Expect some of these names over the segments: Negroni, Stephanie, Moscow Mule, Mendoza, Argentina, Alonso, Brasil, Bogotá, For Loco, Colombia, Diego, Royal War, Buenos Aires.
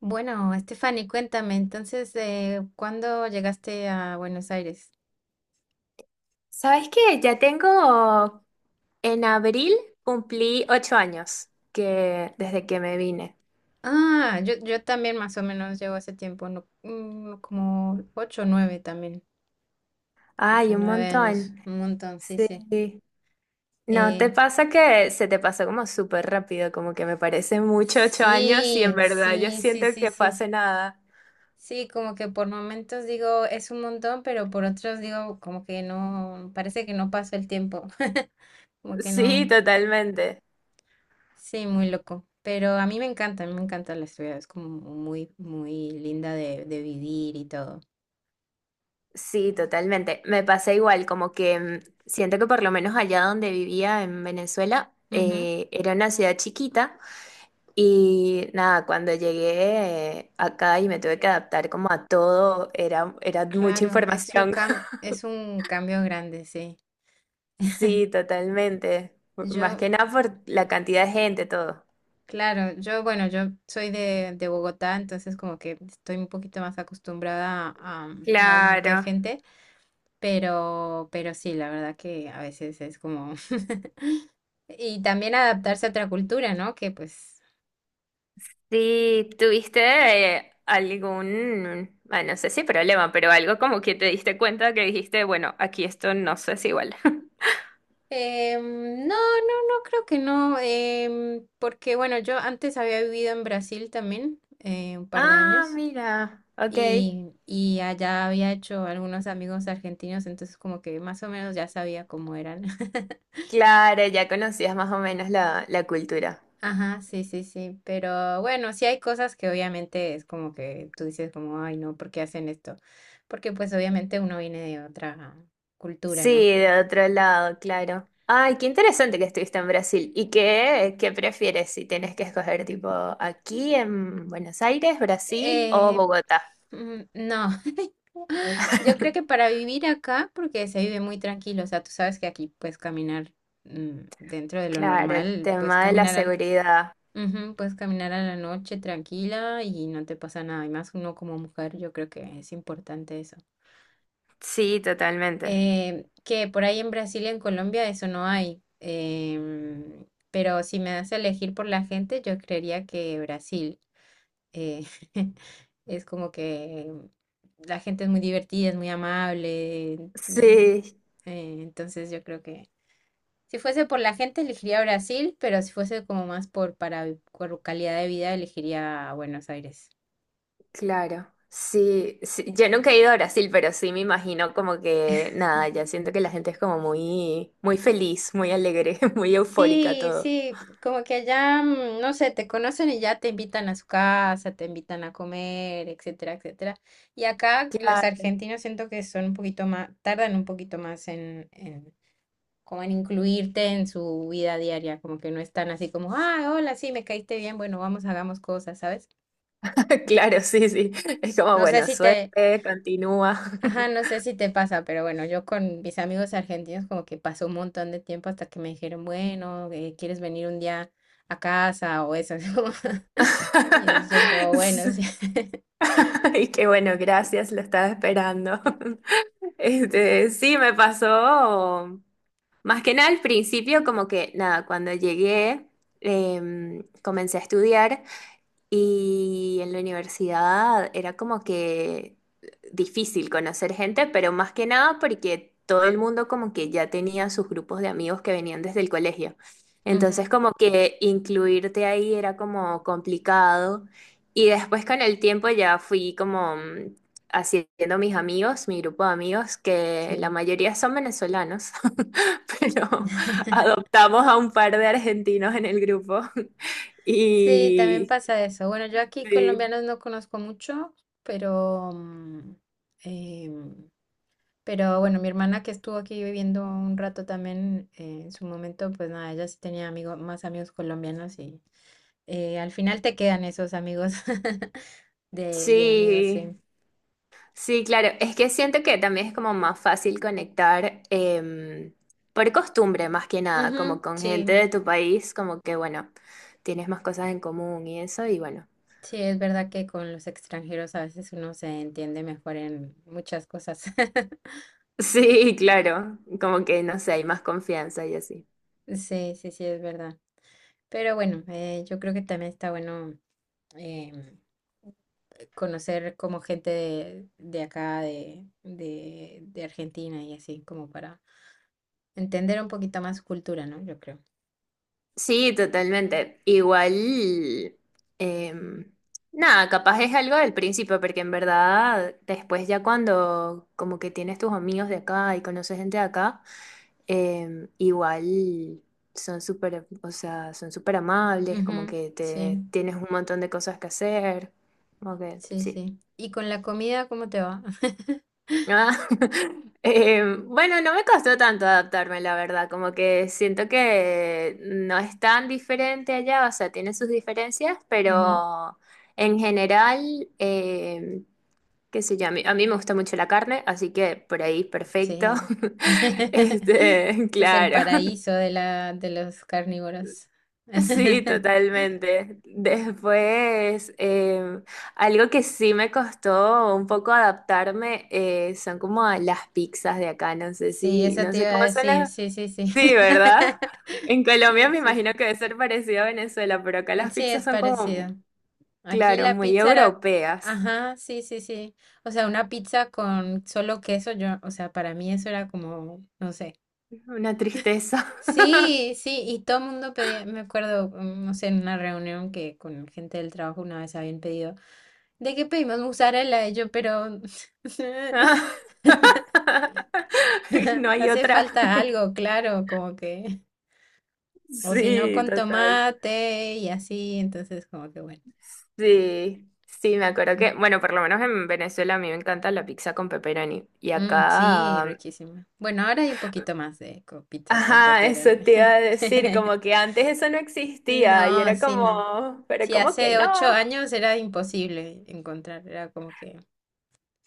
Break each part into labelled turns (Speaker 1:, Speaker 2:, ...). Speaker 1: Bueno, Stephanie, cuéntame, entonces, ¿cuándo llegaste a Buenos Aires?
Speaker 2: ¿Sabes qué? Ya tengo, en abril cumplí ocho años que, desde que me vine.
Speaker 1: Ah, yo también más o menos llevo hace tiempo, no, como 8 o 9 también, ocho
Speaker 2: Ay,
Speaker 1: o
Speaker 2: un
Speaker 1: nueve años,
Speaker 2: montón.
Speaker 1: un montón, sí, sí.
Speaker 2: Sí. ¿No
Speaker 1: Eh,
Speaker 2: te pasa que se te pasó como súper rápido? Como que me parece mucho ocho años y en
Speaker 1: sí,
Speaker 2: verdad yo
Speaker 1: sí, sí,
Speaker 2: siento
Speaker 1: sí,
Speaker 2: que fue
Speaker 1: sí.
Speaker 2: hace nada.
Speaker 1: Sí, como que por momentos digo es un montón, pero por otros digo como que no, parece que no pasó el tiempo, como que
Speaker 2: Sí,
Speaker 1: no.
Speaker 2: totalmente.
Speaker 1: Sí, muy loco. Pero a mí me encanta, a mí me encanta la ciudad. Es como muy, muy linda de vivir y todo.
Speaker 2: Sí, totalmente. Me pasa igual, como que siento que por lo menos allá donde vivía en Venezuela,
Speaker 1: Ujú.
Speaker 2: era una ciudad chiquita. Y nada, cuando llegué acá y me tuve que
Speaker 1: Eh,
Speaker 2: adaptar como a todo, era mucha
Speaker 1: Claro, es un
Speaker 2: información.
Speaker 1: es un cambio grande, sí.
Speaker 2: Sí, totalmente. Más
Speaker 1: Yo,
Speaker 2: que nada por la cantidad de gente, todo.
Speaker 1: claro, yo, bueno, yo soy de Bogotá, entonces como que estoy un poquito más acostumbrada a movimiento
Speaker 2: Claro.
Speaker 1: de gente, pero sí, la verdad que a veces es como... Y también adaptarse a otra cultura, ¿no? Que pues
Speaker 2: Sí, ¿tuviste algún, no sé si problema, pero algo como que te diste cuenta que dijiste, bueno, aquí esto no sé si igual.
Speaker 1: No, no, no creo que no, porque bueno, yo antes había vivido en Brasil también un par de
Speaker 2: Ah,
Speaker 1: años
Speaker 2: mira, ok.
Speaker 1: y allá había hecho algunos amigos argentinos, entonces como que más o menos ya sabía cómo eran.
Speaker 2: Claro, ya conocías más o menos la cultura.
Speaker 1: Ajá, sí, sí, sí, pero bueno, sí hay cosas que obviamente es como que tú dices como, ay, no, ¿por qué hacen esto? Porque pues obviamente uno viene de otra cultura,
Speaker 2: Sí,
Speaker 1: ¿no?
Speaker 2: de otro lado, claro. Ay, qué interesante que estuviste en Brasil. ¿Y qué prefieres si tienes que escoger tipo aquí en Buenos Aires, Brasil o
Speaker 1: Eh,
Speaker 2: Bogotá?
Speaker 1: no. Yo creo que para vivir acá, porque se vive muy tranquilo, o sea, tú sabes que aquí puedes caminar dentro de lo
Speaker 2: Claro, el
Speaker 1: normal, puedes
Speaker 2: tema de la
Speaker 1: caminar al,
Speaker 2: seguridad.
Speaker 1: ujú, puedes caminar a la noche tranquila y no te pasa nada. Y más uno como mujer, yo creo que es importante eso.
Speaker 2: Sí, totalmente.
Speaker 1: Que por ahí en Brasil y en Colombia eso no hay. Pero si me das a elegir por la gente, yo creería que Brasil eh, es como que la gente es muy divertida, es muy amable. mm,
Speaker 2: Sí,
Speaker 1: entonces yo creo que si fuese por la gente elegiría Brasil, pero si fuese como más por para por calidad de vida elegiría Buenos Aires.
Speaker 2: claro. Sí, sí, yo nunca he ido a Brasil, pero sí me imagino como que nada, ya siento que la gente es como muy feliz, muy alegre, muy eufórica
Speaker 1: Sí,
Speaker 2: todo.
Speaker 1: sí, como que allá, no sé, te conocen y ya te invitan a su casa, te invitan a comer, etcétera, etcétera. Y acá los
Speaker 2: Claro.
Speaker 1: argentinos siento que son un poquito más, tardan un poquito más en como en incluirte en su vida diaria, como que no están así como, ah, hola, sí, me caíste bien, bueno, vamos, hagamos cosas, ¿sabes?
Speaker 2: Claro, sí, sí. Es como,
Speaker 1: No sé
Speaker 2: bueno,
Speaker 1: si te,
Speaker 2: suerte, continúa.
Speaker 1: ajá, no sé si te pasa, pero bueno, yo con mis amigos argentinos como que pasó un montón de tiempo hasta que me dijeron, bueno, ¿quieres venir un día a casa o eso? así como, y yo es como, bueno, sí.
Speaker 2: Y qué bueno, gracias, lo estaba esperando. Este, sí, me pasó. Más que nada al principio, como que nada, cuando llegué, comencé a estudiar. Y en la universidad era como que difícil conocer gente, pero más que nada porque todo el mundo como que ya tenía sus grupos de amigos que venían desde el colegio.
Speaker 1: Ujú,
Speaker 2: Entonces como que incluirte ahí era como complicado. Y después con el tiempo ya fui como haciendo mis amigos, mi grupo de amigos, que la
Speaker 1: sí.
Speaker 2: mayoría son venezolanos, pero adoptamos a un par de argentinos en el grupo.
Speaker 1: Sí, también
Speaker 2: Y
Speaker 1: pasa eso. Bueno, yo aquí
Speaker 2: sí.
Speaker 1: colombianos no conozco mucho, pero... em, pero bueno, mi hermana que estuvo aquí viviendo un rato también, en su momento, pues nada, ella sí tenía amigos, más amigos colombianos y al final te quedan esos amigos de amigos,
Speaker 2: Sí,
Speaker 1: sí.
Speaker 2: sí, claro. Es que siento que también es como más fácil conectar por costumbre, más que nada, como
Speaker 1: Ujú,
Speaker 2: con
Speaker 1: sí,
Speaker 2: gente de tu país, como que, bueno, tienes más cosas en común y eso, y bueno.
Speaker 1: sí, es verdad que con los extranjeros a veces uno se entiende mejor en muchas cosas.
Speaker 2: Sí, claro, como que, no sé, hay más confianza y así.
Speaker 1: Sí, sí, sí, es verdad. Pero bueno, yo creo que también está bueno em, conocer como gente de acá, de Argentina y así, como para entender un poquito más su cultura, ¿no? Yo creo.
Speaker 2: Sí, totalmente. Igual, em, nada, capaz es algo del principio, porque en verdad después ya cuando como que tienes tus amigos de acá y conoces gente de acá. Em, igual son súper, o sea, son súper amables, como
Speaker 1: Ujú,
Speaker 2: que te
Speaker 1: sí,
Speaker 2: tienes un montón de cosas que hacer, como que
Speaker 1: sí,
Speaker 2: sí.
Speaker 1: sí. ¿Y con la comida, cómo te va?
Speaker 2: Ah, bueno, no me costó tanto adaptarme, la verdad, como que siento que no es tan diferente allá, o sea, tiene sus diferencias,
Speaker 1: Ujú,
Speaker 2: pero en general, qué sé yo, a mí me gusta mucho la carne, así que por ahí perfecto.
Speaker 1: sí.
Speaker 2: Este,
Speaker 1: Este es el
Speaker 2: claro.
Speaker 1: paraíso de la, de los carnívoros.
Speaker 2: Sí, totalmente. Después, algo que sí me costó un poco adaptarme son como a las pizzas de acá.
Speaker 1: Sí, eso
Speaker 2: No
Speaker 1: te
Speaker 2: sé
Speaker 1: iba a
Speaker 2: cómo son
Speaker 1: decir,
Speaker 2: las.
Speaker 1: sí, sí, sí.
Speaker 2: Sí, ¿verdad? En Colombia
Speaker 1: Sí,
Speaker 2: me
Speaker 1: sí,
Speaker 2: imagino
Speaker 1: sí.
Speaker 2: que debe ser parecido a Venezuela, pero acá las
Speaker 1: Sí,
Speaker 2: pizzas
Speaker 1: es
Speaker 2: son
Speaker 1: parecido.
Speaker 2: como,
Speaker 1: Aquí
Speaker 2: claro,
Speaker 1: la
Speaker 2: muy
Speaker 1: pizza era,
Speaker 2: europeas.
Speaker 1: ajá, sí, sí, sí. O sea, una pizza con solo queso, yo, o sea, para mí eso era como, no sé.
Speaker 2: Una tristeza.
Speaker 1: Sí, sí, y todo el mundo pedía, me acuerdo, no sé, en una reunión que con gente del trabajo una vez habían pedido, ¿de qué pedimos mozzarella? Y yo, pero
Speaker 2: No hay
Speaker 1: hace
Speaker 2: otra.
Speaker 1: falta algo, claro, como que, o si no,
Speaker 2: Sí,
Speaker 1: con
Speaker 2: total.
Speaker 1: tomate y así, entonces como que bueno.
Speaker 2: Sí, sí, me acuerdo que, bueno, por lo menos en Venezuela a mí me encanta la pizza con pepperoni. Y
Speaker 1: Mm, sí,
Speaker 2: acá,
Speaker 1: riquísima. Bueno, ahora hay un poquito más de pizzas con
Speaker 2: ajá, eso
Speaker 1: pepperoni.
Speaker 2: te iba a decir, como que antes eso no existía y
Speaker 1: No,
Speaker 2: era
Speaker 1: sí, no.
Speaker 2: como, pero
Speaker 1: Sí,
Speaker 2: ¿cómo que
Speaker 1: hace
Speaker 2: no?
Speaker 1: 8 años era imposible encontrar, era como que,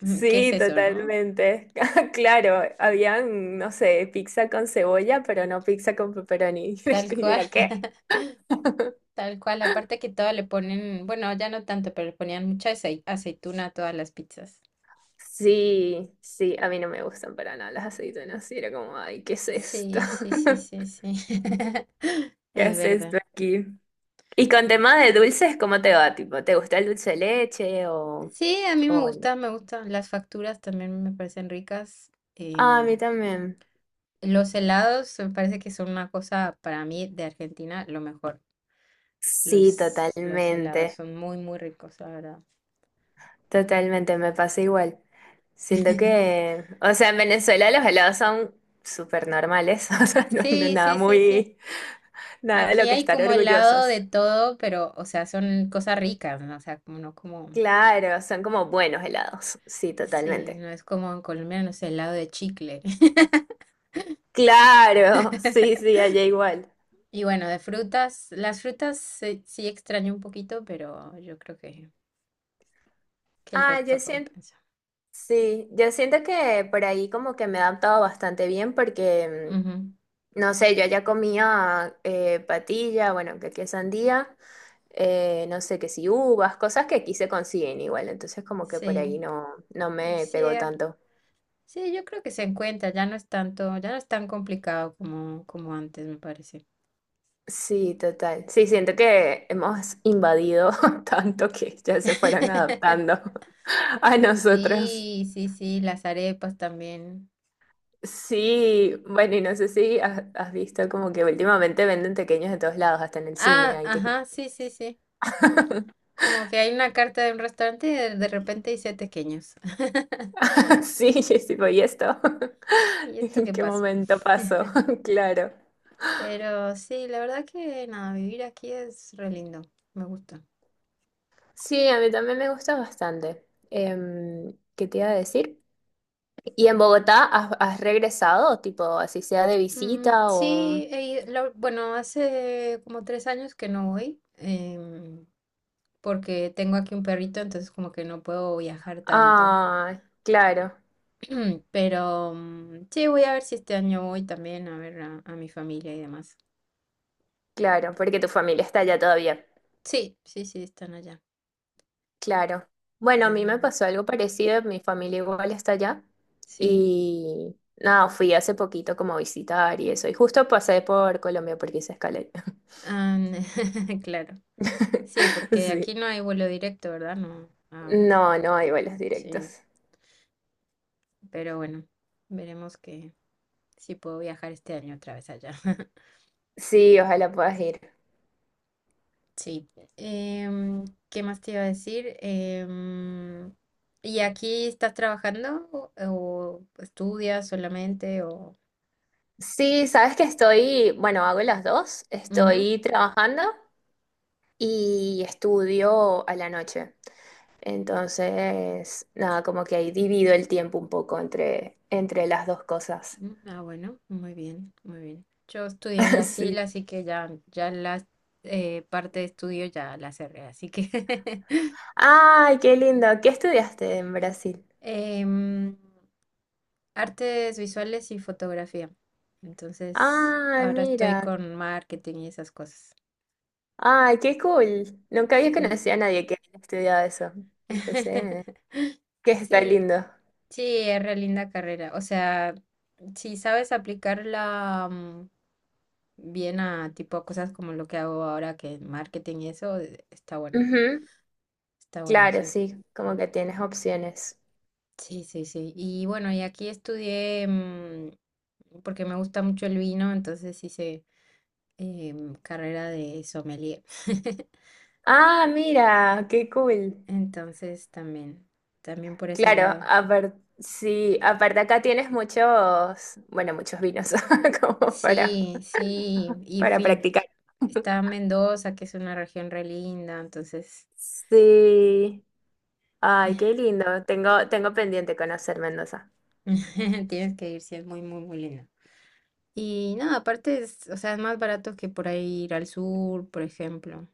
Speaker 1: ¿qué es
Speaker 2: Sí,
Speaker 1: eso, no?
Speaker 2: totalmente. Claro, habían, no sé, pizza con cebolla, pero no pizza con pepperoni.
Speaker 1: Tal
Speaker 2: ¿Y
Speaker 1: cual,
Speaker 2: era qué?
Speaker 1: tal cual. Aparte que todo le ponen, bueno, ya no tanto, pero le ponían mucha aceituna a todas las pizzas.
Speaker 2: Sí, sí, a mí no me gustan para nada las aceitunas. Y era como, ay, ¿qué es esto?
Speaker 1: Sí, sí, sí, sí, sí.
Speaker 2: ¿Qué
Speaker 1: Es
Speaker 2: es
Speaker 1: verdad.
Speaker 2: esto aquí? Y con tema de dulces, ¿cómo te va? Tipo, ¿te gusta el dulce de leche
Speaker 1: Sí, a mí me
Speaker 2: o no?
Speaker 1: gusta, me gustan. Las facturas también me parecen ricas.
Speaker 2: Ah, a mí también.
Speaker 1: Los helados me parece que son una cosa para mí de Argentina lo mejor.
Speaker 2: Sí,
Speaker 1: Los helados
Speaker 2: totalmente.
Speaker 1: son muy, muy ricos, la verdad.
Speaker 2: Totalmente, me pasa igual. Siento que, o sea, en Venezuela los helados son súper normales, o sea, no
Speaker 1: Sí,
Speaker 2: nada
Speaker 1: sí, sí, sí.
Speaker 2: muy, nada de
Speaker 1: Aquí
Speaker 2: lo que
Speaker 1: hay
Speaker 2: estar
Speaker 1: como helado
Speaker 2: orgullosos.
Speaker 1: de todo, pero, o sea, son cosas ricas, ¿no? O sea, como no como...
Speaker 2: Claro, son como buenos helados, sí,
Speaker 1: Sí,
Speaker 2: totalmente.
Speaker 1: no es como en Colombia, no sé, helado de chicle.
Speaker 2: Claro, sí, sí, allá igual.
Speaker 1: Y bueno, de frutas, las frutas sí, sí extraño un poquito, pero yo creo que el
Speaker 2: Ah, yo
Speaker 1: resto
Speaker 2: siento.
Speaker 1: compensa.
Speaker 2: Sí, yo siento que por ahí como que me he adaptado bastante bien porque,
Speaker 1: Ujú.
Speaker 2: no sé, yo ya comía patilla, bueno, que aquí es sandía, no sé, que si uvas, cosas que aquí se consiguen igual, entonces como que por
Speaker 1: Sí,
Speaker 2: ahí no, no
Speaker 1: y
Speaker 2: me
Speaker 1: sí,
Speaker 2: pegó tanto.
Speaker 1: sí, yo creo que se encuentra, ya no es tanto, ya no es tan complicado como, como antes, me parece.
Speaker 2: Sí, total. Sí, siento que hemos invadido tanto que ya se fueron adaptando a nosotros.
Speaker 1: Sí, sí, sí, las arepas también.
Speaker 2: Sí, bueno, y no sé si has visto como que últimamente venden tequeños de todos lados, hasta en el cine,
Speaker 1: Ah,
Speaker 2: ahí te...
Speaker 1: ajá, sí, sí, sí. Como que hay una carta de un restaurante y de repente dice tequeños.
Speaker 2: Sí, yo sí, pues, ¿y esto?
Speaker 1: ¿Y esto
Speaker 2: ¿En
Speaker 1: qué
Speaker 2: qué
Speaker 1: pasó?
Speaker 2: momento pasó? Claro.
Speaker 1: Pero sí, la verdad que nada, vivir aquí es re lindo, me gusta.
Speaker 2: Sí, a mí también me gusta bastante. Em, ¿qué te iba a decir? ¿Y en Bogotá has regresado, tipo, así sea de
Speaker 1: Mm,
Speaker 2: visita o...?
Speaker 1: sí, bueno, hace como 3 años que no voy. Porque tengo aquí un perrito, entonces como que no puedo viajar tanto.
Speaker 2: Ah, claro,
Speaker 1: Pero sí, voy a ver si este año voy también a ver a mi familia y demás.
Speaker 2: claro, porque tu familia está allá todavía.
Speaker 1: Sí, sí, sí, están allá.
Speaker 2: Claro. Bueno, a mí me
Speaker 1: Eh,
Speaker 2: pasó algo parecido, mi familia igual está allá.
Speaker 1: sí,
Speaker 2: Y nada, fui hace poquito como a visitar y eso. Y justo pasé por Colombia porque hice escala.
Speaker 1: ah, claro. Sí, porque
Speaker 2: Sí.
Speaker 1: aquí no hay vuelo directo, ¿verdad? No. Ah,
Speaker 2: No, no hay vuelos
Speaker 1: sí,
Speaker 2: directos.
Speaker 1: pero bueno, veremos que si puedo viajar este año otra vez allá.
Speaker 2: Sí, ojalá puedas ir.
Speaker 1: Sí. Em, ¿qué más te iba a decir? ¿Y aquí estás trabajando o estudias solamente o...?
Speaker 2: Sí, sabes que estoy, bueno, hago las dos.
Speaker 1: Ujú.
Speaker 2: Estoy trabajando y estudio a la noche. Entonces, nada, como que ahí divido el tiempo un poco entre las dos cosas.
Speaker 1: Mm, ah, bueno, muy bien, muy bien. Yo estudié en Brasil,
Speaker 2: Sí.
Speaker 1: así que ya, ya la parte de estudio ya la cerré, así que...
Speaker 2: Ay, qué lindo. ¿Qué estudiaste en Brasil?
Speaker 1: em, artes visuales y fotografía. Entonces,
Speaker 2: Ay,
Speaker 1: ahora estoy
Speaker 2: mira.
Speaker 1: con marketing y esas cosas.
Speaker 2: Ay, qué cool. Nunca había
Speaker 1: Sí.
Speaker 2: conocido a nadie que haya estudiado eso. Empecé. Que está
Speaker 1: Sí.
Speaker 2: lindo.
Speaker 1: Sí, es re linda carrera. O sea, si sabes aplicarla bien a tipo a cosas como lo que hago ahora, que es marketing y eso, está bueno.
Speaker 2: Ujú.
Speaker 1: Está bueno,
Speaker 2: Claro,
Speaker 1: sí.
Speaker 2: sí, como que tienes opciones.
Speaker 1: Sí, sí, sí. Y bueno, y aquí estudié porque me gusta mucho el vino, entonces hice carrera de sommelier.
Speaker 2: Ah, mira, qué cool.
Speaker 1: Entonces también, también por ese
Speaker 2: Claro,
Speaker 1: lado.
Speaker 2: aparte, sí, aparte acá tienes muchos, bueno, muchos vinos como
Speaker 1: Sí, sí. Y
Speaker 2: para
Speaker 1: fui,
Speaker 2: practicar.
Speaker 1: está en Mendoza, que es una región re linda, entonces.
Speaker 2: Sí, ay, qué lindo. Tengo pendiente conocer Mendoza.
Speaker 1: Tienes que ir, sí, es muy, muy, muy lindo. Y no, aparte es, o sea, es más barato que por ahí ir al sur, por ejemplo.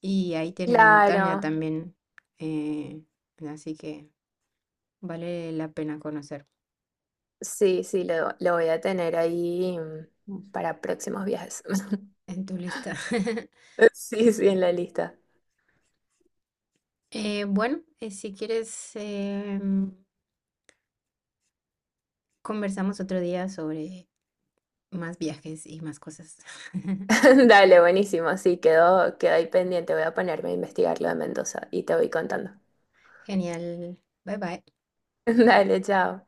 Speaker 1: Y ahí tienes montaña
Speaker 2: Claro,
Speaker 1: también. eh, así que vale la pena conocer
Speaker 2: sí, sí, lo voy a tener ahí para próximos viajes.
Speaker 1: en tu lista.
Speaker 2: Sí, sí, en la lista.
Speaker 1: Bueno, si quieres, conversamos otro día sobre más viajes y más cosas.
Speaker 2: Dale, buenísimo. Sí, quedó ahí pendiente. Voy a ponerme a investigar lo de Mendoza y te voy contando.
Speaker 1: Genial. Bye bye.
Speaker 2: Dale, chao.